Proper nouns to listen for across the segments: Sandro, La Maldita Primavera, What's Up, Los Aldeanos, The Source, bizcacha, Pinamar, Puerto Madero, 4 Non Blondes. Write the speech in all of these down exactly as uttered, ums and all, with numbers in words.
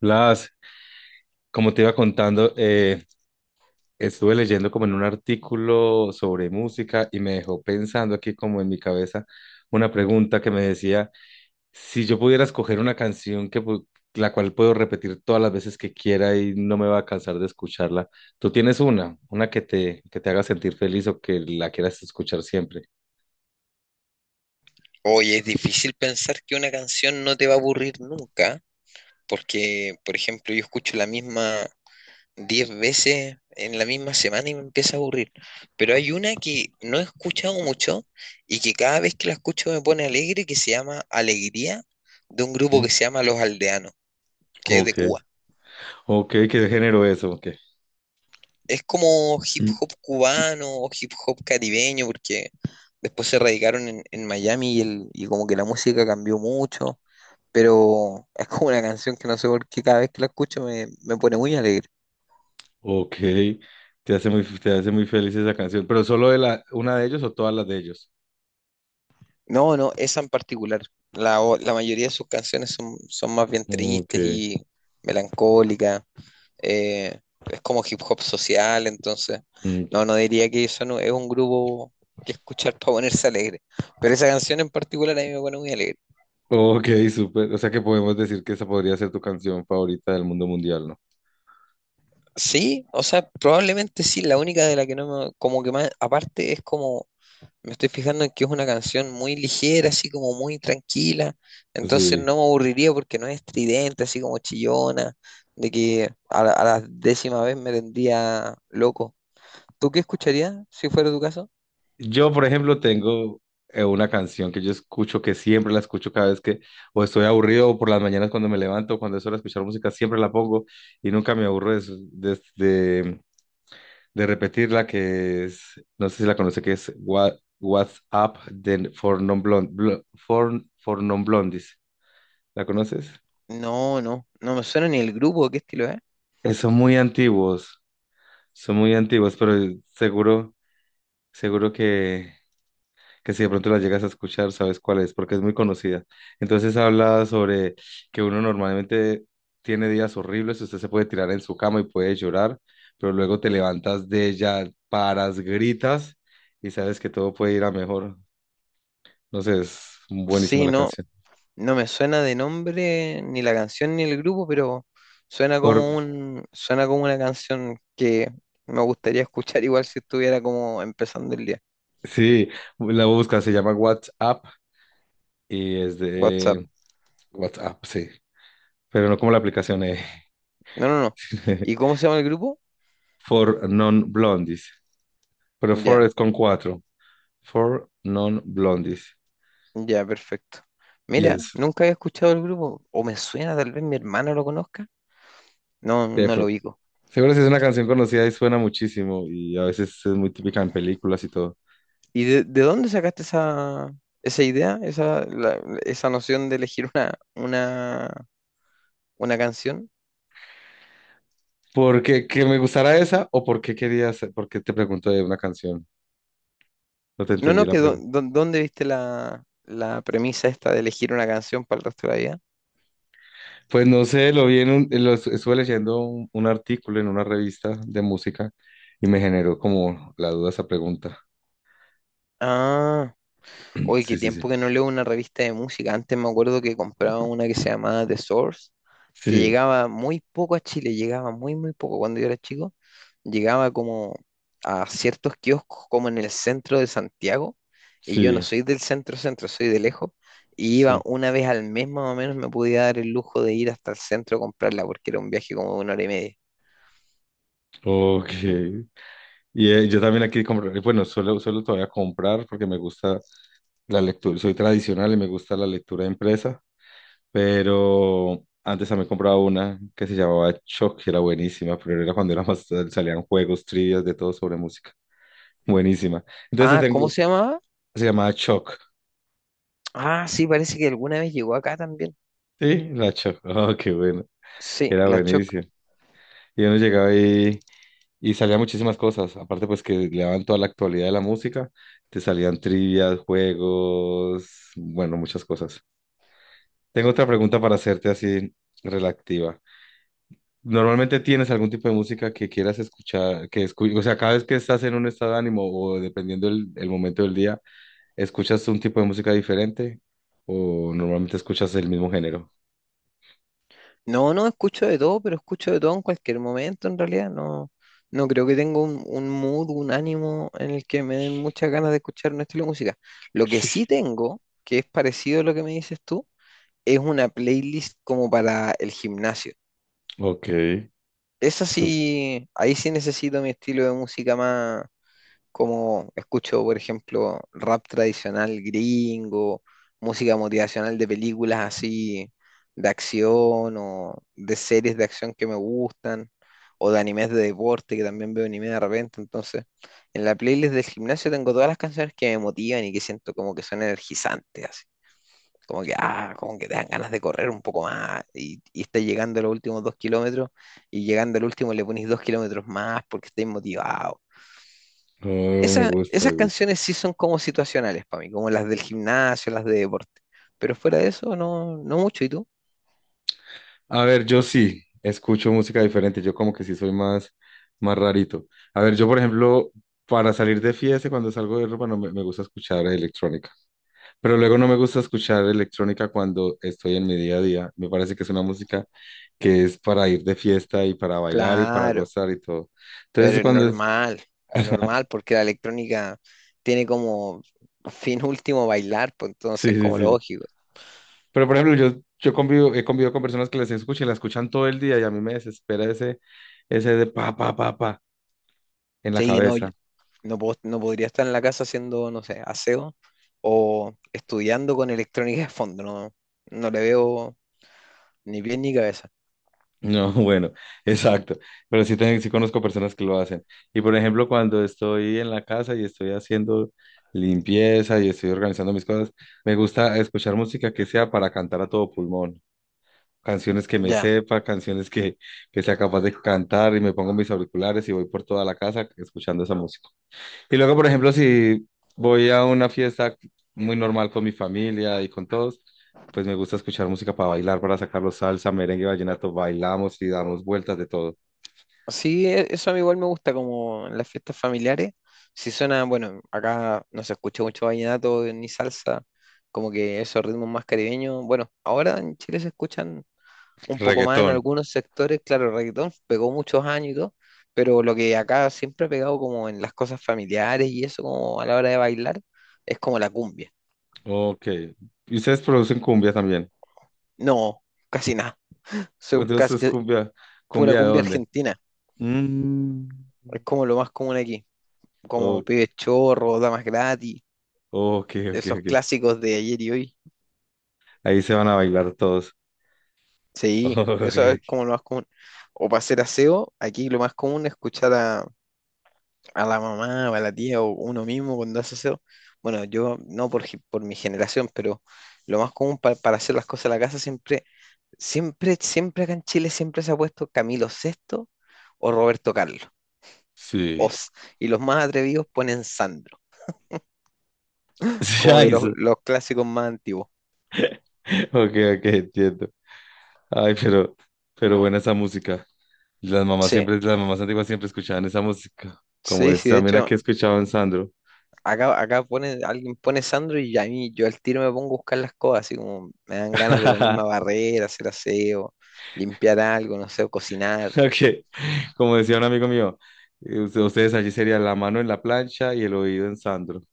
Blas, como te iba contando, eh, estuve leyendo como en un artículo sobre música y me dejó pensando aquí como en mi cabeza una pregunta que me decía, si yo pudiera escoger una canción que pu- la cual puedo repetir todas las veces que quiera y no me va a cansar de escucharla, ¿tú tienes una, una que te, que te haga sentir feliz o que la quieras escuchar siempre? Oye, es difícil pensar que una canción no te va a aburrir nunca, porque, por ejemplo, yo escucho la misma diez veces en la misma semana y me empieza a aburrir. Pero hay una que no he escuchado mucho y que cada vez que la escucho me pone alegre, que se llama Alegría, de un grupo Sí. que se llama Los Aldeanos, que es de Ok, Cuba. ok, ¿qué género es? ¿O qué? Es como hip hop cubano o hip hop caribeño, porque después se radicaron en, en Miami y, el, y como que la música cambió mucho. Pero es como una canción que no sé por qué cada vez que la escucho me, me pone muy alegre. Ok, te hace muy, te hace muy feliz esa canción, ¿pero solo de la, una de ellos o todas las de ellos? No, no, esa en particular. La, o- la mayoría de sus canciones son, son más bien Ok, tristes y melancólicas. eh, es como hip hop social, entonces, mm, no, no diría que eso no, es un grupo que escuchar para ponerse alegre. Pero esa canción en particular a mí me pone muy alegre. ok, súper. O sea que podemos decir que esa podría ser tu canción favorita del mundo mundial, ¿no? Sí, o sea, probablemente sí, la única de la que no me, como que más, aparte es como. Me estoy fijando en que es una canción muy ligera, así como muy tranquila, entonces Sí. no me aburriría porque no es estridente, así como chillona, de que a la, a la, décima vez me tendría loco. ¿Tú qué escucharías si fuera tu caso? Yo, por ejemplo, tengo eh, una canción que yo escucho, que siempre la escucho cada vez que o estoy aburrido o por las mañanas cuando me levanto, cuando es hora de escuchar música, siempre la pongo y nunca me aburro de, su- de, de repetir la que es, no sé si la conoce, que es What, What's Up de- for Non Blond, Blo- for, for Non Blondies. ¿La conoces? No, no, no me suena ni el grupo, ¿qué estilo es? Eh, son muy antiguos, son muy antiguos, pero seguro, seguro que, que si de pronto la llegas a escuchar, sabes cuál es, porque es muy conocida. Entonces habla sobre que uno normalmente tiene días horribles, usted se puede tirar en su cama y puede llorar, pero luego te levantas de ella, paras, gritas y sabes que todo puede ir a mejor. No sé, es buenísima Sí, la no, canción. no me suena de nombre ni la canción ni el grupo, pero suena Por, como un, suena como una canción que me gustaría escuchar igual si estuviera como empezando el día. sí, la busca, se llama WhatsApp y es WhatsApp. de WhatsApp, sí. Pero no como la aplicación, eh. No, no, no. ¿Y cómo se llama el grupo? For Non-Blondies. Pero For Ya, es con cuatro. For Non-Blondies. ya, perfecto. Y Mira, es nunca había escuchado el grupo, o me suena, tal vez mi hermano lo conozca. No, de no lo Prod. ubico. Seguro, si es una canción conocida y suena muchísimo y a veces es muy típica en películas y todo. ¿Y de, de dónde sacaste esa, esa idea, esa, la- esa noción de elegir una, una, una canción? ¿Por qué que me gustara esa o por qué querías, por qué te pregunto de una canción? No te No, entendí no, la que dó- pregunta. dó- ¿dónde viste la, la premisa esta de elegir una canción para el resto de la vida? Pues no sé, lo vi en un, lo es- estuve leyendo un, un artículo en una revista de música y me generó como la duda esa pregunta. Ah, hoy qué Sí, sí, sí. tiempo que no leo una revista de música. Antes me acuerdo que compraba una que se llamaba The Source, que Sí, llegaba muy poco a Chile, llegaba muy, muy poco cuando yo era chico, llegaba como a ciertos kioscos como en el centro de Santiago, y yo no sí, soy del centro centro, soy de lejos, y iba sí. una vez al mes más o menos, me podía dar el lujo de ir hasta el centro a comprarla, porque era un viaje como de una hora y media. Ok. Y eh, yo también aquí comprar, bueno, solo, solo todavía comprar porque me gusta la lectura, soy tradicional y me gusta la lectura impresa, pero antes también compraba una que se llamaba Choc, que era buenísima, pero era cuando era más, salían juegos, trivias, de todo sobre música. Buenísima. Entonces Ah, ¿cómo tengo, se llamaba? se llamaba Choc. Ah, sí, parece que alguna vez llegó acá también. Sí, la chocó. Oh, qué bueno. Sí, Era la Choc. buenísimo. Y uno llegaba y, y salían muchísimas cosas. Aparte, pues que le daban toda la actualidad de la música. Te salían trivias, juegos, bueno, muchas cosas. Tengo otra pregunta para hacerte así relativa. ¿Normalmente tienes algún tipo de música que quieras escuchar, que escu- o sea, cada vez que estás en un estado de ánimo o dependiendo el, el momento del día, escuchas un tipo de música diferente o normalmente escuchas el mismo género? No, no, escucho de todo, pero escucho de todo en cualquier momento, en realidad. No, no creo que tenga un, un mood, un ánimo en el que me den muchas ganas de escuchar un estilo de música. Lo que sí Sí. tengo, que es parecido a lo que me dices tú, es una playlist como para el gimnasio. Ok. Esa sí, ahí sí necesito mi estilo de música más, como escucho, por ejemplo, rap tradicional gringo, música motivacional de películas así de acción o de series de acción que me gustan, o de animes de deporte, que también veo anime de repente. Entonces, en la playlist del gimnasio tengo todas las canciones que me motivan y que siento como que son energizantes, así. Como que, ah, como que te dan ganas de correr un poco más y, y estás llegando a los últimos dos kilómetros y llegando al último le pones dos kilómetros más porque estás motivado. No, no, me Esa- gusta, esas me gusta. canciones sí son como situacionales para mí, como las del gimnasio, las de deporte. Pero fuera de eso, no, no mucho. ¿Y tú? A ver, yo sí escucho música diferente, yo como que sí soy más, más rarito. A ver, yo por ejemplo, para salir de fiesta, cuando salgo de ropa, no me, me gusta escuchar electrónica, pero luego no me gusta escuchar electrónica cuando estoy en mi día a día. Me parece que es una música que es para ir de fiesta y para bailar y para Claro, gozar y todo. pero Entonces, es cuando... es- normal, normal, porque la electrónica tiene como fin último bailar, pues Sí, entonces sí, como sí. lógico. Pero por ejemplo, yo, yo convivo, he convivido con personas que las escuchan y las escuchan todo el día y a mí me desespera ese, ese de pa, pa, pa, pa en la Sí, que no, yo cabeza. no puedo- no podría estar en la casa haciendo, no sé, aseo o estudiando con electrónica de fondo, no, no le veo ni pie ni cabeza. No, bueno, exacto. Pero sí, te- sí conozco personas que lo hacen. Y por ejemplo, cuando estoy en la casa y estoy haciendo limpieza y estoy organizando mis cosas, me gusta escuchar música que sea para cantar a todo pulmón. Canciones que me Ya. sepa, canciones que, que sea capaz de cantar y me pongo mis auriculares y voy por toda la casa escuchando esa música. Y luego, por ejemplo, si voy a una fiesta muy normal con mi familia y con todos, pues me gusta escuchar música para bailar, para sacarlo salsa, merengue, vallenato, bailamos y damos vueltas de todo. Sí, e- eso a mí igual me gusta, como en las fiestas familiares. Si suena, bueno, acá no se escucha mucho vallenato ni salsa, como que esos ritmos más caribeños. Bueno, ahora en Chile se escuchan un poco más en Reggaetón. algunos sectores, claro, el reggaetón pegó muchos años y todo, pero lo que acá siempre ha pegado como en las cosas familiares y eso, como a la hora de bailar, es como la cumbia. Ok. Y ustedes producen cumbia también. No, casi nada. So, Entonces, casi ¿es que cumbia, pura cumbia de cumbia dónde? argentina. Mm. Es como lo más común aquí, como O- pibes chorros, damas gratis. ok, ok, Esos ok. clásicos de ayer y hoy. Ahí se van a bailar todos. Sí, Ok, eso es ok. como lo más común. O para hacer aseo, aquí lo más común es escuchar a, a la mamá o a la tía o uno mismo cuando hace aseo. Bueno, yo no por, ge- por mi generación, pero lo más común pa- para hacer las cosas en la casa siempre, siempre, siempre acá en Chile siempre se ha puesto Camilo Sexto o Roberto Carlos. Sí. Os. Y los más atrevidos ponen Sandro, Sí, como de ay, los, eso. los clásicos más antiguos. Ok, ok, entiendo. Ay, pero, pero buena esa música. Y las mamás Sí, siempre, las mamás antiguas siempre escuchaban esa música. Como sí, es sí, de también hecho, aquí escuchaban Sandro. acá, acá pone, alguien pone Sandro y a mí yo al tiro me pongo a buscar las cosas, así como me dan ganas de ponerme a barrer, hacer aseo, limpiar algo, no sé, o cocinar, Ok. Como decía un amigo mío, eh, usted- ustedes allí sería la mano en la plancha y el oído en Sandro.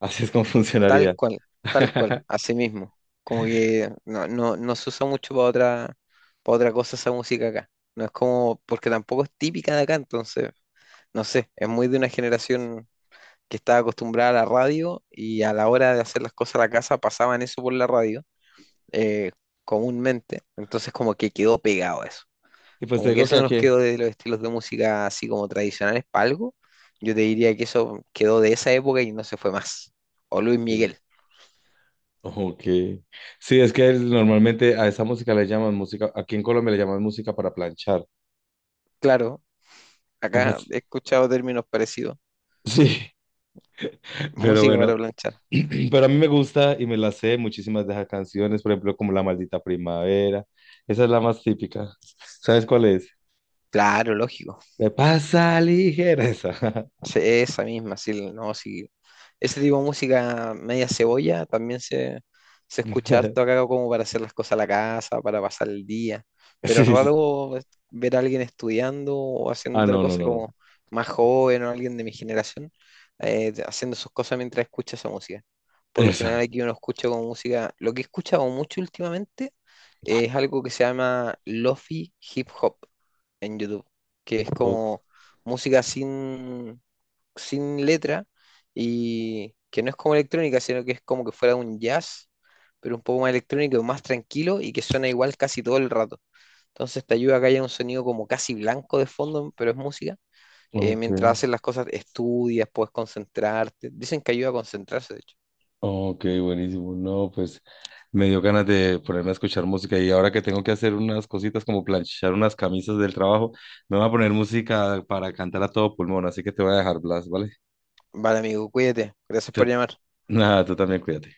Así es como tal funcionaría. cual, tal cual, así mismo. Como que no, no, no se usa mucho para otra, para otra cosa esa música acá. No es como, porque tampoco es típica de acá, entonces, no sé, es muy de una generación que estaba acostumbrada a la radio y a la hora de hacer las cosas a la casa pasaban eso por la radio eh, comúnmente. Entonces como que quedó pegado eso. Y pues te Como que digo que eso nos aquí. quedó de los estilos de música así como tradicionales para algo. Yo te diría que eso quedó de esa época y no se fue más. O Luis Sí. Miguel. Ok. Sí, es que el- normalmente a esa música le llaman música, aquí en Colombia le llaman música para planchar. Claro, acá he escuchado términos parecidos. Sí, pero Música para bueno, planchar. pero a mí me gusta y me la sé muchísimas de esas canciones, por ejemplo, como La Maldita Primavera. Esa es la más típica. ¿Sabes cuál es? Claro, lógico. Me pasa ligera esa. Sí, esa misma, sí, no, sí. Ese tipo de música media cebolla también se, se escucha harto acá como para hacer las cosas a la casa, para pasar el día. Pero Sí, es sí. raro es- ver a alguien estudiando o haciendo Ah, otra no, no, cosa no, no. como más joven o alguien de mi generación eh, haciendo sus cosas mientras escucha esa música. Por lo Esa. general aquí uno escucha como música, lo que he escuchado mucho últimamente es algo que se llama lofi hip hop en YouTube, que es O- como música sin sin letra y que no es como electrónica, sino que es como que fuera un jazz, pero un poco más electrónico, más tranquilo y que suena igual casi todo el rato. Entonces te ayuda a que haya un sonido como casi blanco de fondo, pero es música. Eh, ok, Mientras haces las cosas, estudias, puedes concentrarte. Dicen que ayuda a concentrarse, de hecho. ok, buenísimo. No, pues me dio ganas de ponerme a escuchar música y ahora que tengo que hacer unas cositas como planchar unas camisas del trabajo, me voy a poner música para cantar a todo pulmón, así que te voy a dejar, Blas, ¿vale? Vale, amigo, cuídate. Gracias por Tú- llamar. nada, tú también cuídate.